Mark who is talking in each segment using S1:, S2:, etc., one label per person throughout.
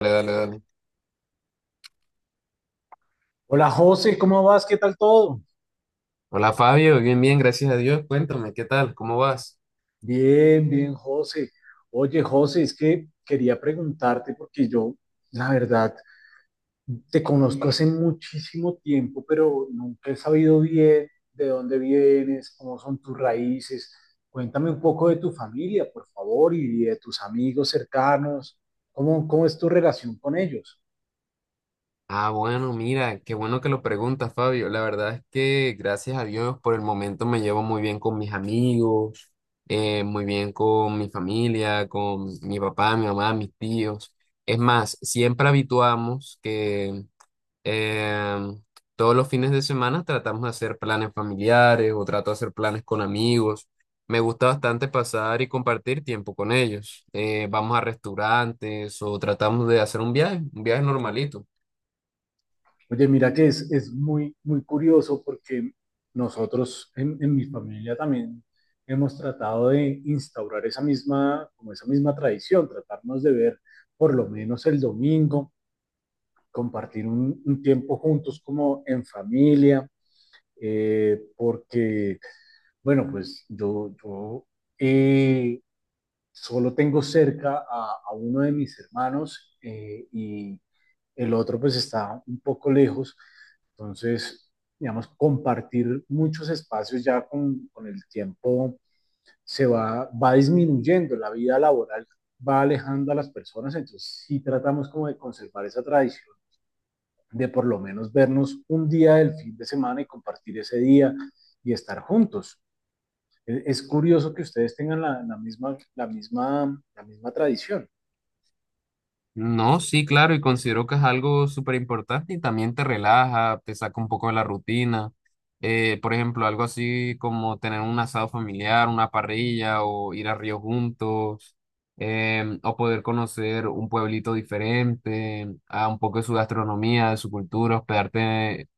S1: Dale, dale, dale.
S2: Hola José, ¿cómo vas? ¿Qué tal todo?
S1: Hola Fabio, bien, bien, gracias a Dios. Cuéntame, ¿qué tal? ¿Cómo vas?
S2: Bien, bien, José. Oye, José, es que quería preguntarte porque yo, la verdad, te conozco hace muchísimo tiempo, pero nunca he sabido bien de dónde vienes, cómo son tus raíces. Cuéntame un poco de tu familia, por favor, y de tus amigos cercanos. ¿Cómo es tu relación con ellos?
S1: Ah, bueno, mira, qué bueno que lo preguntas, Fabio. La verdad es que gracias a Dios por el momento me llevo muy bien con mis amigos, muy bien con mi familia, con mi papá, mi mamá, mis tíos. Es más, siempre habituamos que Eh, todos los fines de semana tratamos de hacer planes familiares o trato de hacer planes con amigos. Me gusta bastante pasar y compartir tiempo con ellos. Vamos a restaurantes o tratamos de hacer un viaje normalito.
S2: Oye, mira que es muy, muy curioso porque nosotros en mi familia también hemos tratado de instaurar esa misma, como esa misma tradición, tratarnos de ver por lo menos el domingo, compartir un tiempo juntos como en familia, porque, bueno, pues yo eh, solo tengo cerca a uno de mis hermanos y el otro pues está un poco lejos, entonces, digamos, compartir muchos espacios ya con el tiempo se va disminuyendo, la vida laboral va alejando a las personas, entonces sí tratamos como de conservar esa tradición, de por lo menos vernos un día del fin de semana y compartir ese día y estar juntos. Es curioso que ustedes tengan la misma tradición.
S1: No, sí, claro, y considero que es algo súper importante y también te relaja, te saca un poco de la rutina. Por ejemplo, algo así como tener un asado familiar, una parrilla o ir a río juntos, o poder conocer un pueblito diferente, a un poco de su gastronomía, de su cultura, hospedarte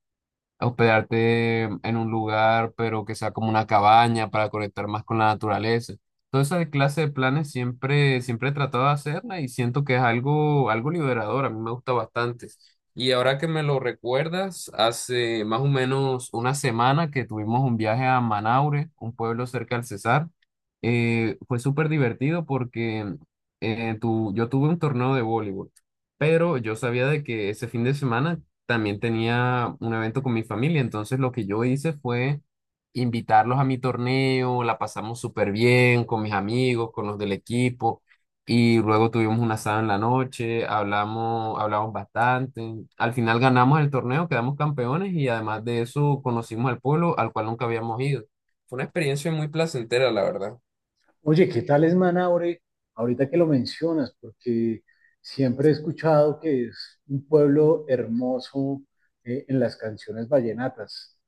S1: a hospedarte en un lugar, pero que sea como una cabaña para conectar más con la naturaleza. Toda esa clase de planes siempre, siempre he tratado de hacerla y siento que es algo, algo liberador, a mí me gusta bastante. Y ahora que me lo recuerdas, hace más o menos una semana que tuvimos un viaje a Manaure, un pueblo cerca del Cesar. Fue súper divertido porque yo tuve un torneo de voleibol, pero yo sabía de que ese fin de semana también tenía un evento con mi familia, entonces lo que yo hice fue invitarlos a mi torneo. La pasamos súper bien con mis amigos, con los del equipo, y luego tuvimos un asado en la noche, hablamos, hablamos bastante, al final ganamos el torneo, quedamos campeones y además de eso conocimos al pueblo al cual nunca habíamos ido. Fue una experiencia muy placentera, la verdad.
S2: Oye, ¿qué tal es Manaure? Ahorita que lo mencionas, porque siempre he escuchado que es un pueblo hermoso en las canciones vallenatas.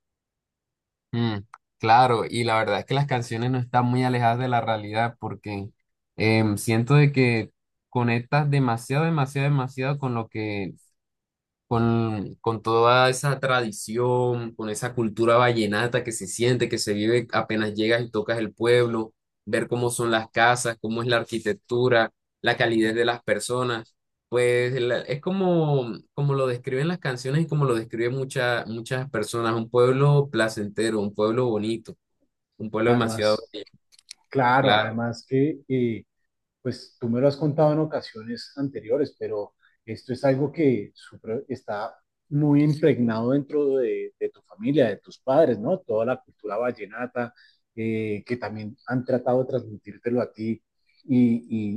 S1: Mm, claro, y la verdad es que las canciones no están muy alejadas de la realidad porque siento de que conectas demasiado, demasiado, demasiado con lo que con toda esa tradición, con esa cultura vallenata que se siente, que se vive apenas llegas y tocas el pueblo, ver cómo son las casas, cómo es la arquitectura, la calidez de las personas. Pues es como, como lo describen las canciones y como lo describen muchas muchas personas, un pueblo placentero, un pueblo bonito, un pueblo demasiado.
S2: Además, claro, además que pues tú me lo has contado en ocasiones anteriores, pero esto es algo que está muy impregnado dentro de tu familia, de tus padres, ¿no? Toda la cultura vallenata, que también han tratado de transmitírtelo a ti y,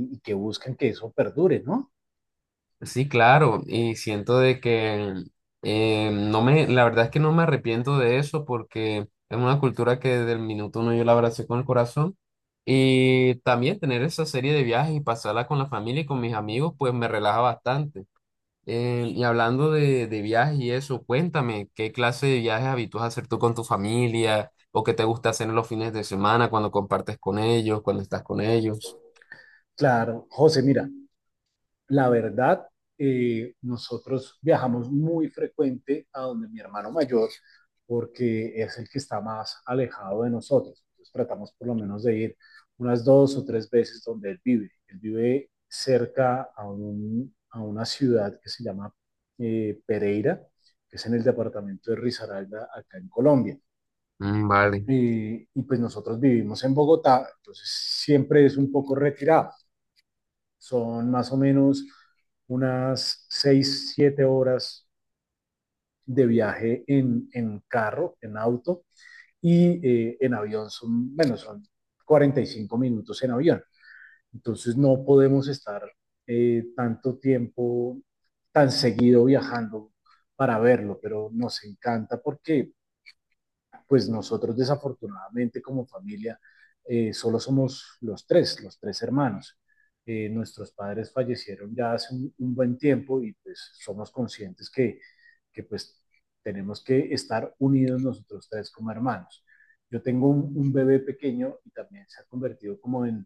S2: y que buscan que eso perdure, ¿no?
S1: Sí, claro, y siento de que no me, la verdad es que no me arrepiento de eso porque es una cultura que desde el minuto uno yo la abracé con el corazón y también tener esa serie de viajes y pasarla con la familia y con mis amigos pues me relaja bastante. Y hablando de viajes y eso, cuéntame, ¿qué clase de viajes habitúas a hacer tú con tu familia o qué te gusta hacer en los fines de semana cuando compartes con ellos, cuando estás con ellos?
S2: Claro, José, mira, la verdad, nosotros viajamos muy frecuente a donde mi hermano mayor, porque es el que está más alejado de nosotros. Entonces tratamos por lo menos de ir unas dos o tres veces donde él vive. Él vive cerca a una ciudad que se llama Pereira, que es en el departamento de Risaralda, acá en Colombia.
S1: Mm, vale.
S2: Y pues nosotros vivimos en Bogotá, entonces siempre es un poco retirado. Son más o menos unas 6-7 horas de viaje en carro, en auto, y en avión son, bueno, son 45 minutos en avión. Entonces no podemos estar tanto tiempo, tan seguido viajando para verlo, pero nos encanta porque pues nosotros desafortunadamente como familia solo somos los tres hermanos. Nuestros padres fallecieron ya hace un buen tiempo y pues somos conscientes que, que tenemos que estar unidos nosotros tres como hermanos. Yo tengo un bebé pequeño y también se ha convertido como en,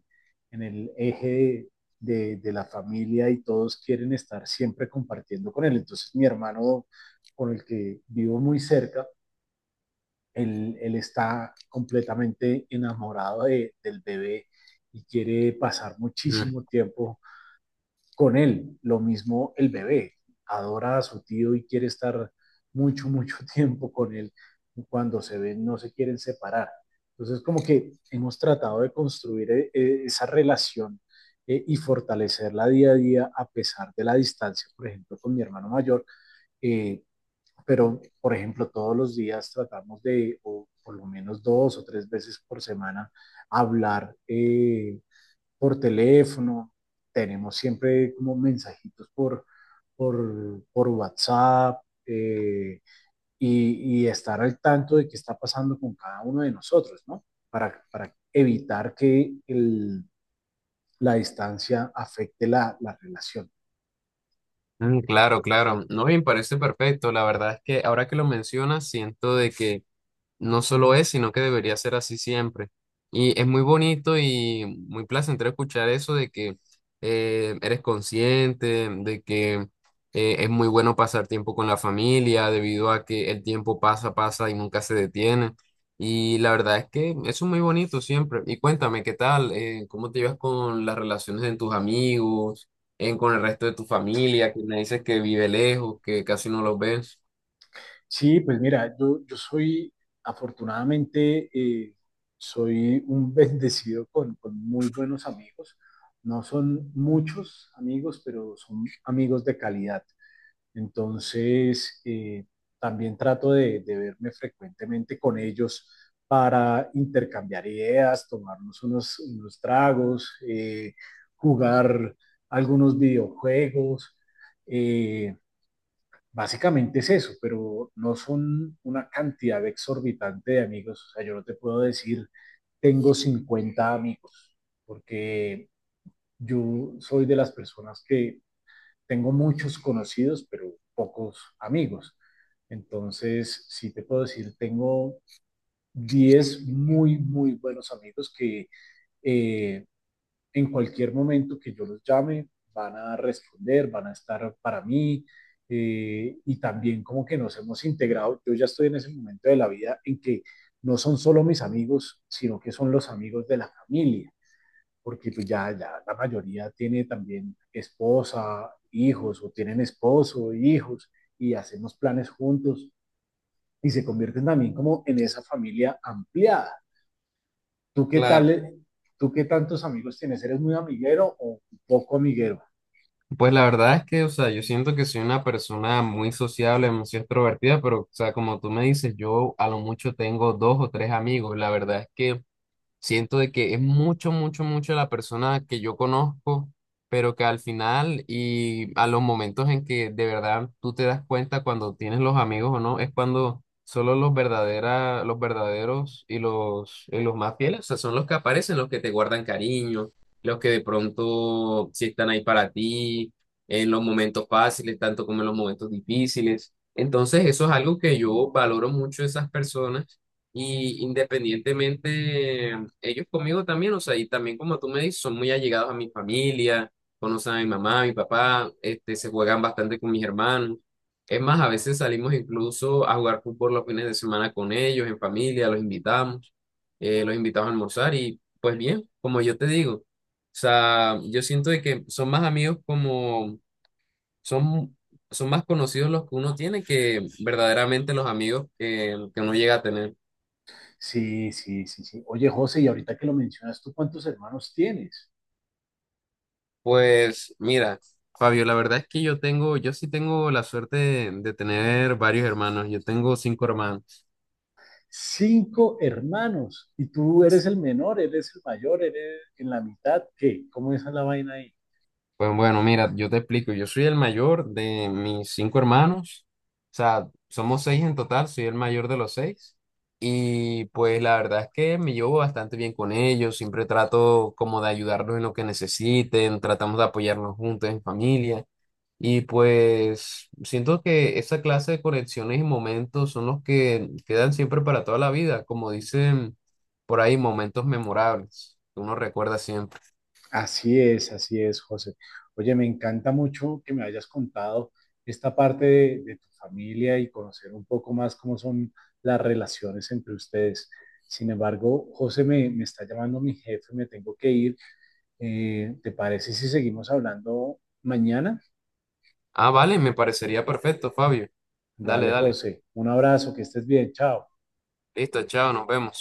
S2: en el eje de la familia y todos quieren estar siempre compartiendo con él. Entonces mi hermano con el que vivo muy cerca, él está completamente enamorado del bebé y quiere pasar muchísimo tiempo con él. Lo mismo el bebé, adora a su tío y quiere estar mucho, mucho tiempo con él. Cuando se ven, no se quieren separar. Entonces, como que hemos tratado de construir esa relación y fortalecerla día a día a pesar de la distancia, por ejemplo, con mi hermano mayor, eh, pero por ejemplo todos los días tratamos de, o por lo menos dos o tres veces por semana, hablar por teléfono, tenemos siempre como mensajitos por WhatsApp y estar al tanto de qué está pasando con cada uno de nosotros, ¿no? Para evitar que la distancia afecte la relación.
S1: Mm, claro, claro. No, bien, parece perfecto. La verdad es que ahora que lo mencionas, siento de que no solo es, sino que debería ser así siempre. Y es muy bonito y muy placentero escuchar eso de que eres consciente, de que es muy bueno pasar tiempo con la familia, debido a que el tiempo pasa, pasa y nunca se detiene. Y la verdad es que eso es muy bonito siempre. Y cuéntame, ¿qué tal? ¿Cómo te llevas con las relaciones de tus amigos, con el resto de tu familia, que me dices que vive lejos, que casi no los ves?
S2: Sí, pues mira, yo soy, afortunadamente, soy un bendecido con muy buenos amigos. No son muchos amigos, pero son amigos de calidad. Entonces, también trato de verme frecuentemente con ellos para intercambiar ideas, tomarnos unos tragos, jugar algunos videojuegos. eh, Básicamente es eso, pero no son una cantidad exorbitante de amigos. O sea, yo no te puedo decir, tengo 50 amigos, porque yo soy de las personas que tengo muchos conocidos, pero pocos amigos. Entonces, sí te puedo decir, tengo 10 muy, muy buenos amigos que eh, en cualquier momento que yo los llame, van a responder, van a estar para mí. Y también como que nos hemos integrado, yo ya estoy en ese momento de la vida en que no son solo mis amigos, sino que son los amigos de la familia, porque pues ya la mayoría tiene también esposa, hijos, o tienen esposo, hijos, y hacemos planes juntos, y se convierten también como en esa familia ampliada. ¿Tú qué tal?
S1: Claro.
S2: ¿Tú qué tantos amigos tienes? ¿Eres muy amiguero o poco amiguero?
S1: Pues la verdad es que, o sea, yo siento que soy una persona muy sociable, muy extrovertida, pero, o sea, como tú me dices, yo a lo mucho tengo dos o tres amigos. La verdad es que siento de que es mucho, mucho, mucho la persona que yo conozco, pero que al final y a los momentos en que de verdad tú te das cuenta cuando tienes los amigos o no, es cuando solo los verdaderos y los más fieles, o sea, son los que aparecen, los que te guardan cariño, los que de pronto sí están ahí para ti en los momentos fáciles, tanto como en los momentos difíciles. Entonces, eso es algo que yo valoro mucho de esas personas y independientemente, ellos conmigo también, o sea, y también como tú me dices, son muy allegados a mi familia, conocen a mi mamá, a mi papá, este, se juegan bastante con mis hermanos. Es más, a veces salimos incluso a jugar fútbol los fines de semana con ellos, en familia, los invitamos a almorzar y pues bien, como yo te digo, o sea, yo siento de que son más amigos como, son, son más conocidos los que uno tiene que verdaderamente los amigos que uno llega a tener.
S2: Sí, sí, sí, sí. Oye, José, y ahorita que lo mencionas, ¿tú cuántos hermanos tienes?
S1: Pues mira, Fabio, la verdad es que yo sí tengo la suerte de tener varios hermanos. Yo tengo cinco hermanos.
S2: Cinco hermanos. Y tú eres el menor, eres el mayor, eres en la mitad. ¿Qué? ¿Cómo es la vaina ahí?
S1: Pues bueno, mira, yo te explico. Yo soy el mayor de mis cinco hermanos. O sea, somos seis en total, soy el mayor de los seis. Y pues la verdad es que me llevo bastante bien con ellos. Siempre trato como de ayudarlos en lo que necesiten, tratamos de apoyarnos juntos en familia. Y pues siento que esa clase de conexiones y momentos son los que quedan siempre para toda la vida, como dicen por ahí, momentos memorables que uno recuerda siempre.
S2: Así es, José. Oye, me encanta mucho que me hayas contado esta parte de tu familia y conocer un poco más cómo son las relaciones entre ustedes. Sin embargo, José, me está llamando mi jefe, me tengo que ir. ¿Te parece si seguimos hablando mañana?
S1: Ah, vale, me parecería perfecto, Fabio. Dale,
S2: Dale,
S1: dale.
S2: José, un abrazo, que estés bien, chao.
S1: Listo, chao, nos vemos.